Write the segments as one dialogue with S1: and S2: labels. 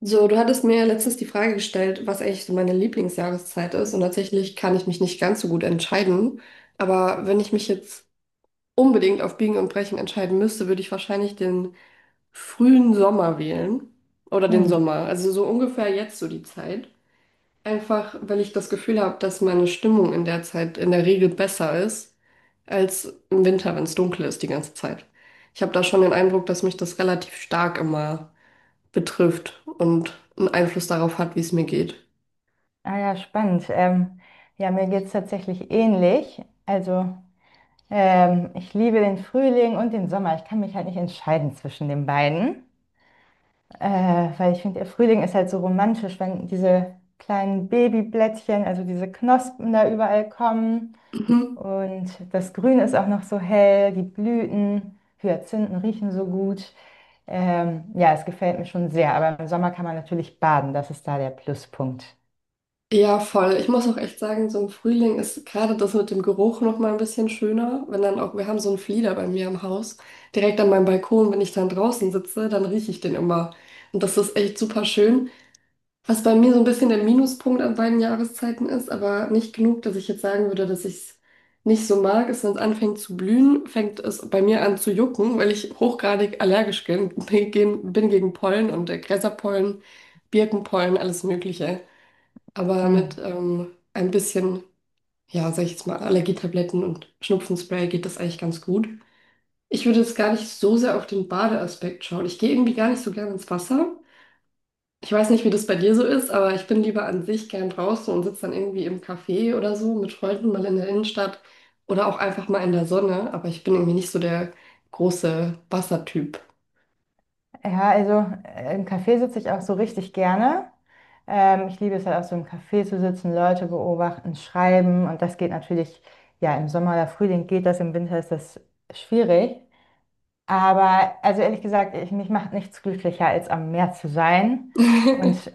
S1: So, du hattest mir ja letztens die Frage gestellt, was eigentlich so meine Lieblingsjahreszeit ist. Und tatsächlich kann ich mich nicht ganz so gut entscheiden. Aber wenn ich mich jetzt unbedingt auf Biegen und Brechen entscheiden müsste, würde ich wahrscheinlich den frühen Sommer wählen. Oder den
S2: Hm.
S1: Sommer. Also so ungefähr jetzt so die Zeit. Einfach, weil ich das Gefühl habe, dass meine Stimmung in der Zeit in der Regel besser ist als im Winter, wenn es dunkel ist die ganze Zeit. Ich habe da schon den Eindruck, dass mich das relativ stark immer betrifft und einen Einfluss darauf hat, wie es mir geht.
S2: Ah ja, spannend. Ja, mir geht es tatsächlich ähnlich. Also ich liebe den Frühling und den Sommer. Ich kann mich halt nicht entscheiden zwischen den beiden, äh, weil ich finde, der Frühling ist halt so romantisch, wenn diese kleinen Babyblättchen, also diese Knospen da überall kommen.
S1: Mhm.
S2: Und das Grün ist auch noch so hell, die Blüten, Hyazinthen riechen so gut. Ja, es gefällt mir schon sehr, aber im Sommer kann man natürlich baden, das ist da der Pluspunkt.
S1: Ja, voll. Ich muss auch echt sagen, so im Frühling ist gerade das mit dem Geruch noch mal ein bisschen schöner, wenn dann auch, wir haben so einen Flieder bei mir im Haus, direkt an meinem Balkon, wenn ich dann draußen sitze, dann rieche ich den immer. Und das ist echt super schön. Was bei mir so ein bisschen der Minuspunkt an beiden Jahreszeiten ist, aber nicht genug, dass ich jetzt sagen würde, dass ich es nicht so mag, ist, wenn es anfängt zu blühen, fängt es bei mir an zu jucken, weil ich hochgradig allergisch bin gegen Pollen und Gräserpollen, Birkenpollen, alles Mögliche. Aber mit
S2: Hm.
S1: ein bisschen, ja, sag ich jetzt mal, Allergietabletten und Schnupfenspray geht das eigentlich ganz gut. Ich würde jetzt gar nicht so sehr auf den Badeaspekt schauen. Ich gehe irgendwie gar nicht so gerne ins Wasser. Ich weiß nicht, wie das bei dir so ist, aber ich bin lieber an sich gern draußen und sitze dann irgendwie im Café oder so mit Freunden mal in der Innenstadt oder auch einfach mal in der Sonne. Aber ich bin irgendwie nicht so der große Wassertyp.
S2: Ja, also im Café sitze ich auch so richtig gerne. Ich liebe es halt auch so im Café zu sitzen, Leute beobachten, schreiben. Und das geht natürlich, ja, im Sommer oder Frühling geht das, im Winter ist das schwierig. Aber also ehrlich gesagt, mich macht nichts glücklicher, als am Meer zu sein. Und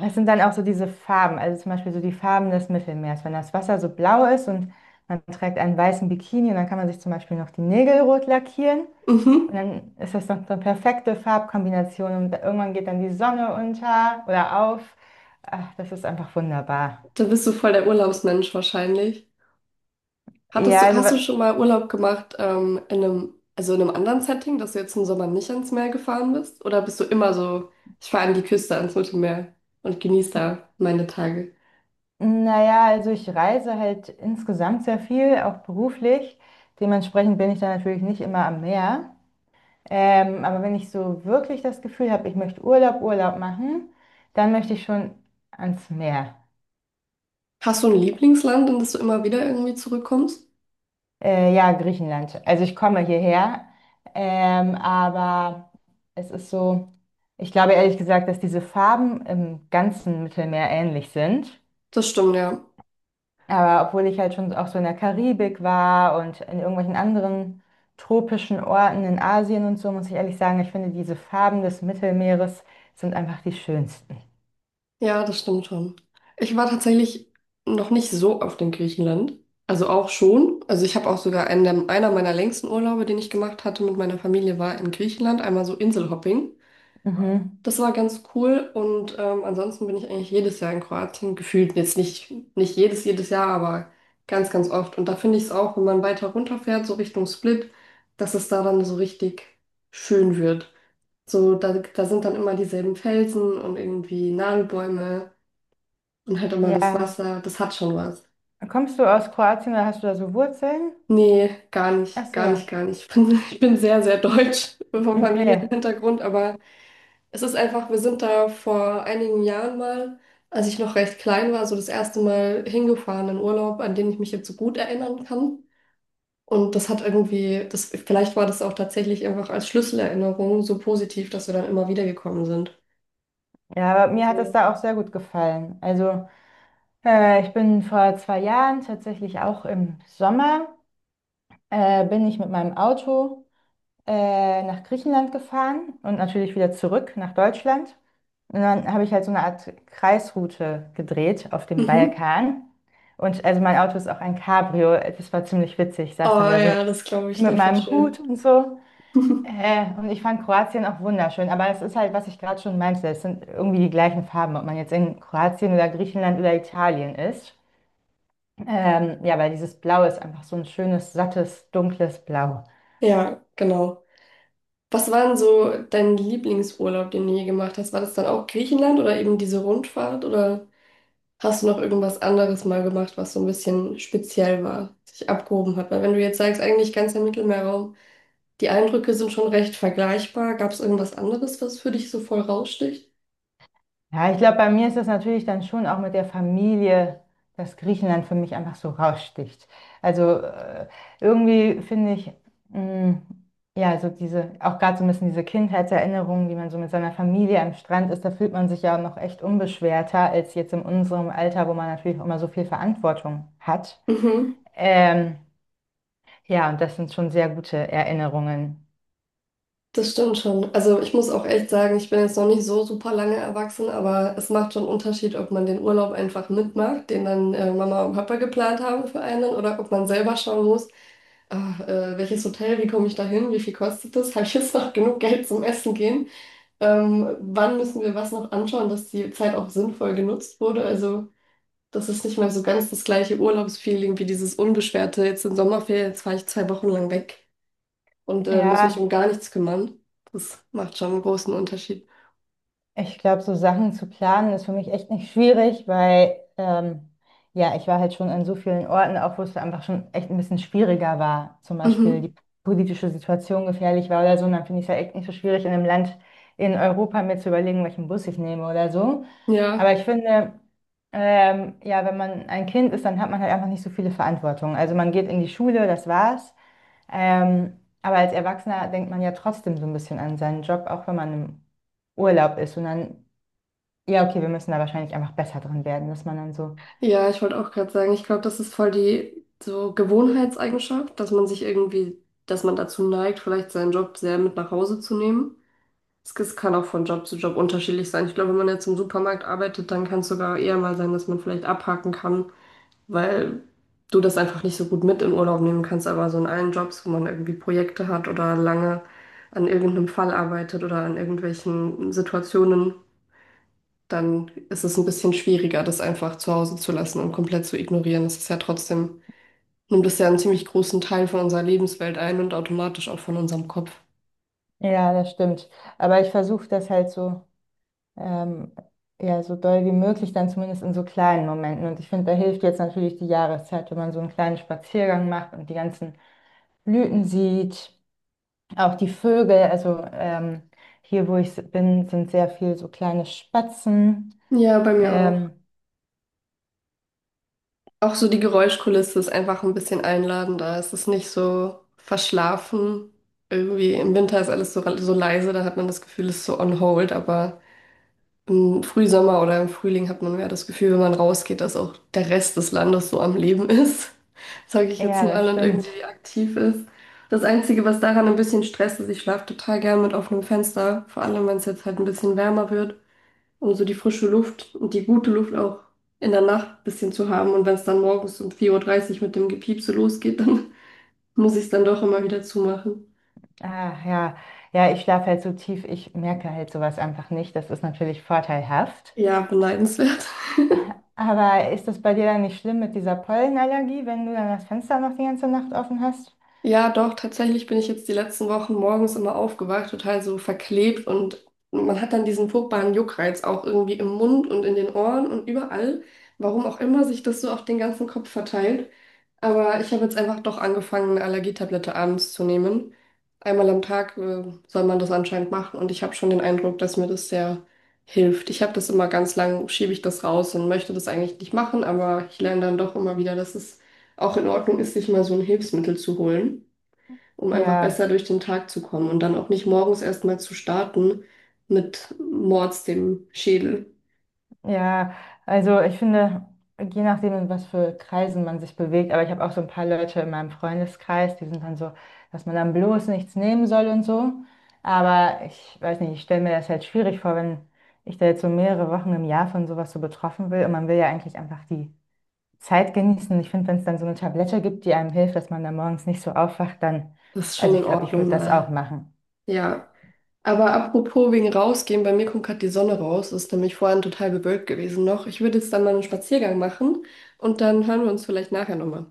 S2: es sind dann auch so diese Farben, also zum Beispiel so die Farben des Mittelmeers. Wenn das Wasser so blau ist und man trägt einen weißen Bikini, und dann kann man sich zum Beispiel noch die Nägel rot lackieren. Und
S1: Mhm.
S2: dann ist das noch so eine perfekte Farbkombination und irgendwann geht dann die Sonne unter oder auf. Ach, das ist einfach wunderbar.
S1: Da bist du voll der Urlaubsmensch wahrscheinlich.
S2: Ja, also,
S1: Hast du schon mal Urlaub gemacht, in einem, also in einem anderen Setting, dass du jetzt im Sommer nicht ans Meer gefahren bist? Oder bist du immer so, ich fahre an die Küste, ans Mittelmeer und genieße
S2: n-
S1: da meine Tage?
S2: naja, also ich reise halt insgesamt sehr viel, auch beruflich. Dementsprechend bin ich da natürlich nicht immer am Meer. Aber wenn ich so wirklich das Gefühl habe, ich möchte Urlaub machen, dann möchte ich schon ans Meer.
S1: Hast du ein Lieblingsland, in das du immer wieder irgendwie zurückkommst?
S2: Ja, Griechenland. Also ich komme hierher, aber es ist so, ich glaube ehrlich gesagt, dass diese Farben im ganzen Mittelmeer ähnlich sind.
S1: Das stimmt, ja.
S2: Aber obwohl ich halt schon auch so in der Karibik war und in irgendwelchen anderen tropischen Orten in Asien und so, muss ich ehrlich sagen, ich finde diese Farben des Mittelmeeres sind einfach die schönsten.
S1: Ja, das stimmt schon. Ich war tatsächlich noch nicht so oft in Griechenland. Also auch schon. Also ich habe auch sogar einer meiner längsten Urlaube, den ich gemacht hatte mit meiner Familie, war in Griechenland. Einmal so Inselhopping.
S2: Mhm.
S1: Das war ganz cool. Und ansonsten bin ich eigentlich jedes Jahr in Kroatien. Gefühlt jetzt nicht, nicht jedes, jedes Jahr, aber ganz, ganz oft. Und da finde ich es auch, wenn man weiter runterfährt, so Richtung Split, dass es da dann so richtig schön wird. So, da sind dann immer dieselben Felsen und irgendwie Nadelbäume und halt immer das
S2: Ja.
S1: Wasser. Das hat schon was.
S2: Kommst du aus Kroatien oder hast du da so Wurzeln?
S1: Nee, gar
S2: Ach
S1: nicht, gar nicht,
S2: so.
S1: gar nicht. Ich bin, ich bin sehr, sehr deutsch vom familiären
S2: Okay.
S1: Hintergrund, aber es ist einfach, wir sind da vor einigen Jahren mal, als ich noch recht klein war, so das erste Mal hingefahren in Urlaub, an den ich mich jetzt so gut erinnern kann. Und das hat irgendwie, das, vielleicht war das auch tatsächlich einfach als Schlüsselerinnerung so positiv, dass wir dann immer wieder gekommen sind.
S2: Ja, aber mir hat es
S1: Also,
S2: da auch sehr gut gefallen. Also ich bin vor 2 Jahren, tatsächlich auch im Sommer, bin ich mit meinem Auto nach Griechenland gefahren und natürlich wieder zurück nach Deutschland. Und dann habe ich halt so eine Art Kreisroute gedreht auf dem
S1: mhm.
S2: Balkan. Und also mein Auto ist auch ein Cabrio. Das war ziemlich witzig. Ich
S1: Oh
S2: saß dann da so
S1: ja, das glaube ich
S2: mit
S1: dir voll
S2: meinem
S1: schön.
S2: Hut und so. Und ich fand Kroatien auch wunderschön. Aber es ist halt, was ich gerade schon meinte, es sind irgendwie die gleichen Farben, ob man jetzt in Kroatien oder Griechenland oder Italien ist. Ja, weil dieses Blau ist einfach so ein schönes, sattes, dunkles Blau.
S1: Ja, genau. Was war denn so dein Lieblingsurlaub, den du je gemacht hast? War das dann auch Griechenland oder eben diese Rundfahrt? Oder hast du noch irgendwas anderes mal gemacht, was so ein bisschen speziell war, sich abgehoben hat? Weil wenn du jetzt sagst, eigentlich ganz der Mittelmeerraum, die Eindrücke sind schon recht vergleichbar. Gab es irgendwas anderes, was für dich so voll raussticht?
S2: Ja, ich glaube, bei mir ist das natürlich dann schon auch mit der Familie, dass Griechenland für mich einfach so raussticht. Also irgendwie finde ich, mh, ja, so diese, auch gerade so ein bisschen diese Kindheitserinnerungen, wie man so mit seiner Familie am Strand ist, da fühlt man sich ja noch echt unbeschwerter als jetzt in unserem Alter, wo man natürlich auch immer so viel Verantwortung hat.
S1: Mhm.
S2: Ähm, ja, und das sind schon sehr gute Erinnerungen.
S1: Das stimmt schon. Also ich muss auch echt sagen, ich bin jetzt noch nicht so super lange erwachsen, aber es macht schon einen Unterschied, ob man den Urlaub einfach mitmacht, den dann Mama und Papa geplant haben für einen, oder ob man selber schauen muss, welches Hotel, wie komme ich da hin, wie viel kostet das, habe ich jetzt noch genug Geld zum Essen gehen, wann müssen wir was noch anschauen, dass die Zeit auch sinnvoll genutzt wurde. Also das ist nicht mehr so ganz das gleiche Urlaubsfeeling wie dieses unbeschwerte, jetzt sind Sommerferien, jetzt fahre ich 2 Wochen lang weg und muss mich
S2: Ja,
S1: um gar nichts kümmern. Das macht schon einen großen Unterschied.
S2: ich glaube, so Sachen zu planen ist für mich echt nicht schwierig, weil ja, ich war halt schon an so vielen Orten, auch wo es einfach schon echt ein bisschen schwieriger war. Zum Beispiel
S1: Mhm.
S2: die politische Situation gefährlich war oder so. Und dann finde ich es halt echt nicht so schwierig, in einem Land in Europa mir zu überlegen, welchen Bus ich nehme oder so. Aber
S1: Ja,
S2: ich finde, ja, wenn man ein Kind ist, dann hat man halt einfach nicht so viele Verantwortung. Also man geht in die Schule, das war's. Aber als Erwachsener denkt man ja trotzdem so ein bisschen an seinen Job, auch wenn man im Urlaub ist. Und dann, ja, okay, wir müssen da wahrscheinlich einfach besser drin werden, dass man dann so,
S1: ja, ich wollte auch gerade sagen, ich glaube, das ist voll die so Gewohnheitseigenschaft, dass man sich irgendwie, dass man dazu neigt, vielleicht seinen Job sehr mit nach Hause zu nehmen. Es kann auch von Job zu Job unterschiedlich sein. Ich glaube, wenn man jetzt im Supermarkt arbeitet, dann kann es sogar eher mal sein, dass man vielleicht abhaken kann, weil du das einfach nicht so gut mit in Urlaub nehmen kannst. Aber so in allen Jobs, wo man irgendwie Projekte hat oder lange an irgendeinem Fall arbeitet oder an irgendwelchen Situationen, dann ist es ein bisschen schwieriger, das einfach zu Hause zu lassen und komplett zu ignorieren. Das ist ja trotzdem, nimmt das ja einen ziemlich großen Teil von unserer Lebenswelt ein und automatisch auch von unserem Kopf.
S2: ja, das stimmt. Aber ich versuche das halt so, ähm, ja, so doll wie möglich, dann zumindest in so kleinen Momenten. Und ich finde, da hilft jetzt natürlich die Jahreszeit, wenn man so einen kleinen Spaziergang macht und die ganzen Blüten sieht, auch die Vögel. Also hier, wo bin, sind sehr viel so kleine Spatzen.
S1: Ja, bei mir auch.
S2: Ähm,
S1: Auch so die Geräuschkulisse ist einfach ein bisschen einladender. Es ist nicht so verschlafen. Irgendwie im Winter ist alles so, so leise, da hat man das Gefühl, es ist so on hold. Aber im Frühsommer oder im Frühling hat man mehr das Gefühl, wenn man rausgeht, dass auch der Rest des Landes so am Leben ist. Sage ich jetzt
S2: ja, das
S1: mal und
S2: stimmt.
S1: irgendwie aktiv ist. Das Einzige, was daran ein bisschen Stress ist, ich schlafe total gern mit offenem Fenster, vor allem wenn es jetzt halt ein bisschen wärmer wird, um so die frische Luft und die gute Luft auch in der Nacht ein bisschen zu haben. Und wenn es dann morgens um 4:30 Uhr mit dem Gepiepse losgeht, dann muss ich es dann doch immer wieder zumachen.
S2: Ah, ja, ja, ich schlafe halt so tief, ich merke halt sowas einfach nicht. Das ist natürlich vorteilhaft.
S1: Ja, beneidenswert.
S2: Aber ist das bei dir dann nicht schlimm mit dieser Pollenallergie, wenn du dann das Fenster noch die ganze Nacht offen hast?
S1: Ja, doch, tatsächlich bin ich jetzt die letzten Wochen morgens immer aufgewacht, total so verklebt, und man hat dann diesen furchtbaren Juckreiz auch irgendwie im Mund und in den Ohren und überall, warum auch immer sich das so auf den ganzen Kopf verteilt. Aber ich habe jetzt einfach doch angefangen, eine Allergietablette abends zu nehmen. Einmal am Tag, soll man das anscheinend machen, und ich habe schon den Eindruck, dass mir das sehr hilft. Ich habe das immer ganz lang, schiebe ich das raus und möchte das eigentlich nicht machen, aber ich lerne dann doch immer wieder, dass es auch in Ordnung ist, sich mal so ein Hilfsmittel zu holen, um einfach
S2: Ja,
S1: besser durch den Tag zu kommen und dann auch nicht morgens erstmal zu starten mit Mords dem Schädel.
S2: ja, also ich finde, je nachdem, in was für Kreisen man sich bewegt, aber ich habe auch so ein paar Leute in meinem Freundeskreis, die sind dann so, dass man dann bloß nichts nehmen soll und so. Aber ich weiß nicht, ich stelle mir das halt schwierig vor, wenn ich da jetzt so mehrere Wochen im Jahr von sowas so betroffen will und man will ja eigentlich einfach die Zeit genießen. Ich finde, wenn es dann so eine Tablette gibt, die einem hilft, dass man dann morgens nicht so aufwacht, dann,
S1: Das ist schon
S2: also ich
S1: in
S2: glaube, ich
S1: Ordnung
S2: würde das auch
S1: mal.
S2: machen.
S1: Ja. Aber apropos wegen rausgehen, bei mir kommt gerade die Sonne raus. Es ist nämlich vorhin total bewölkt gewesen noch. Ich würde jetzt dann mal einen Spaziergang machen und dann hören wir uns vielleicht nachher nochmal.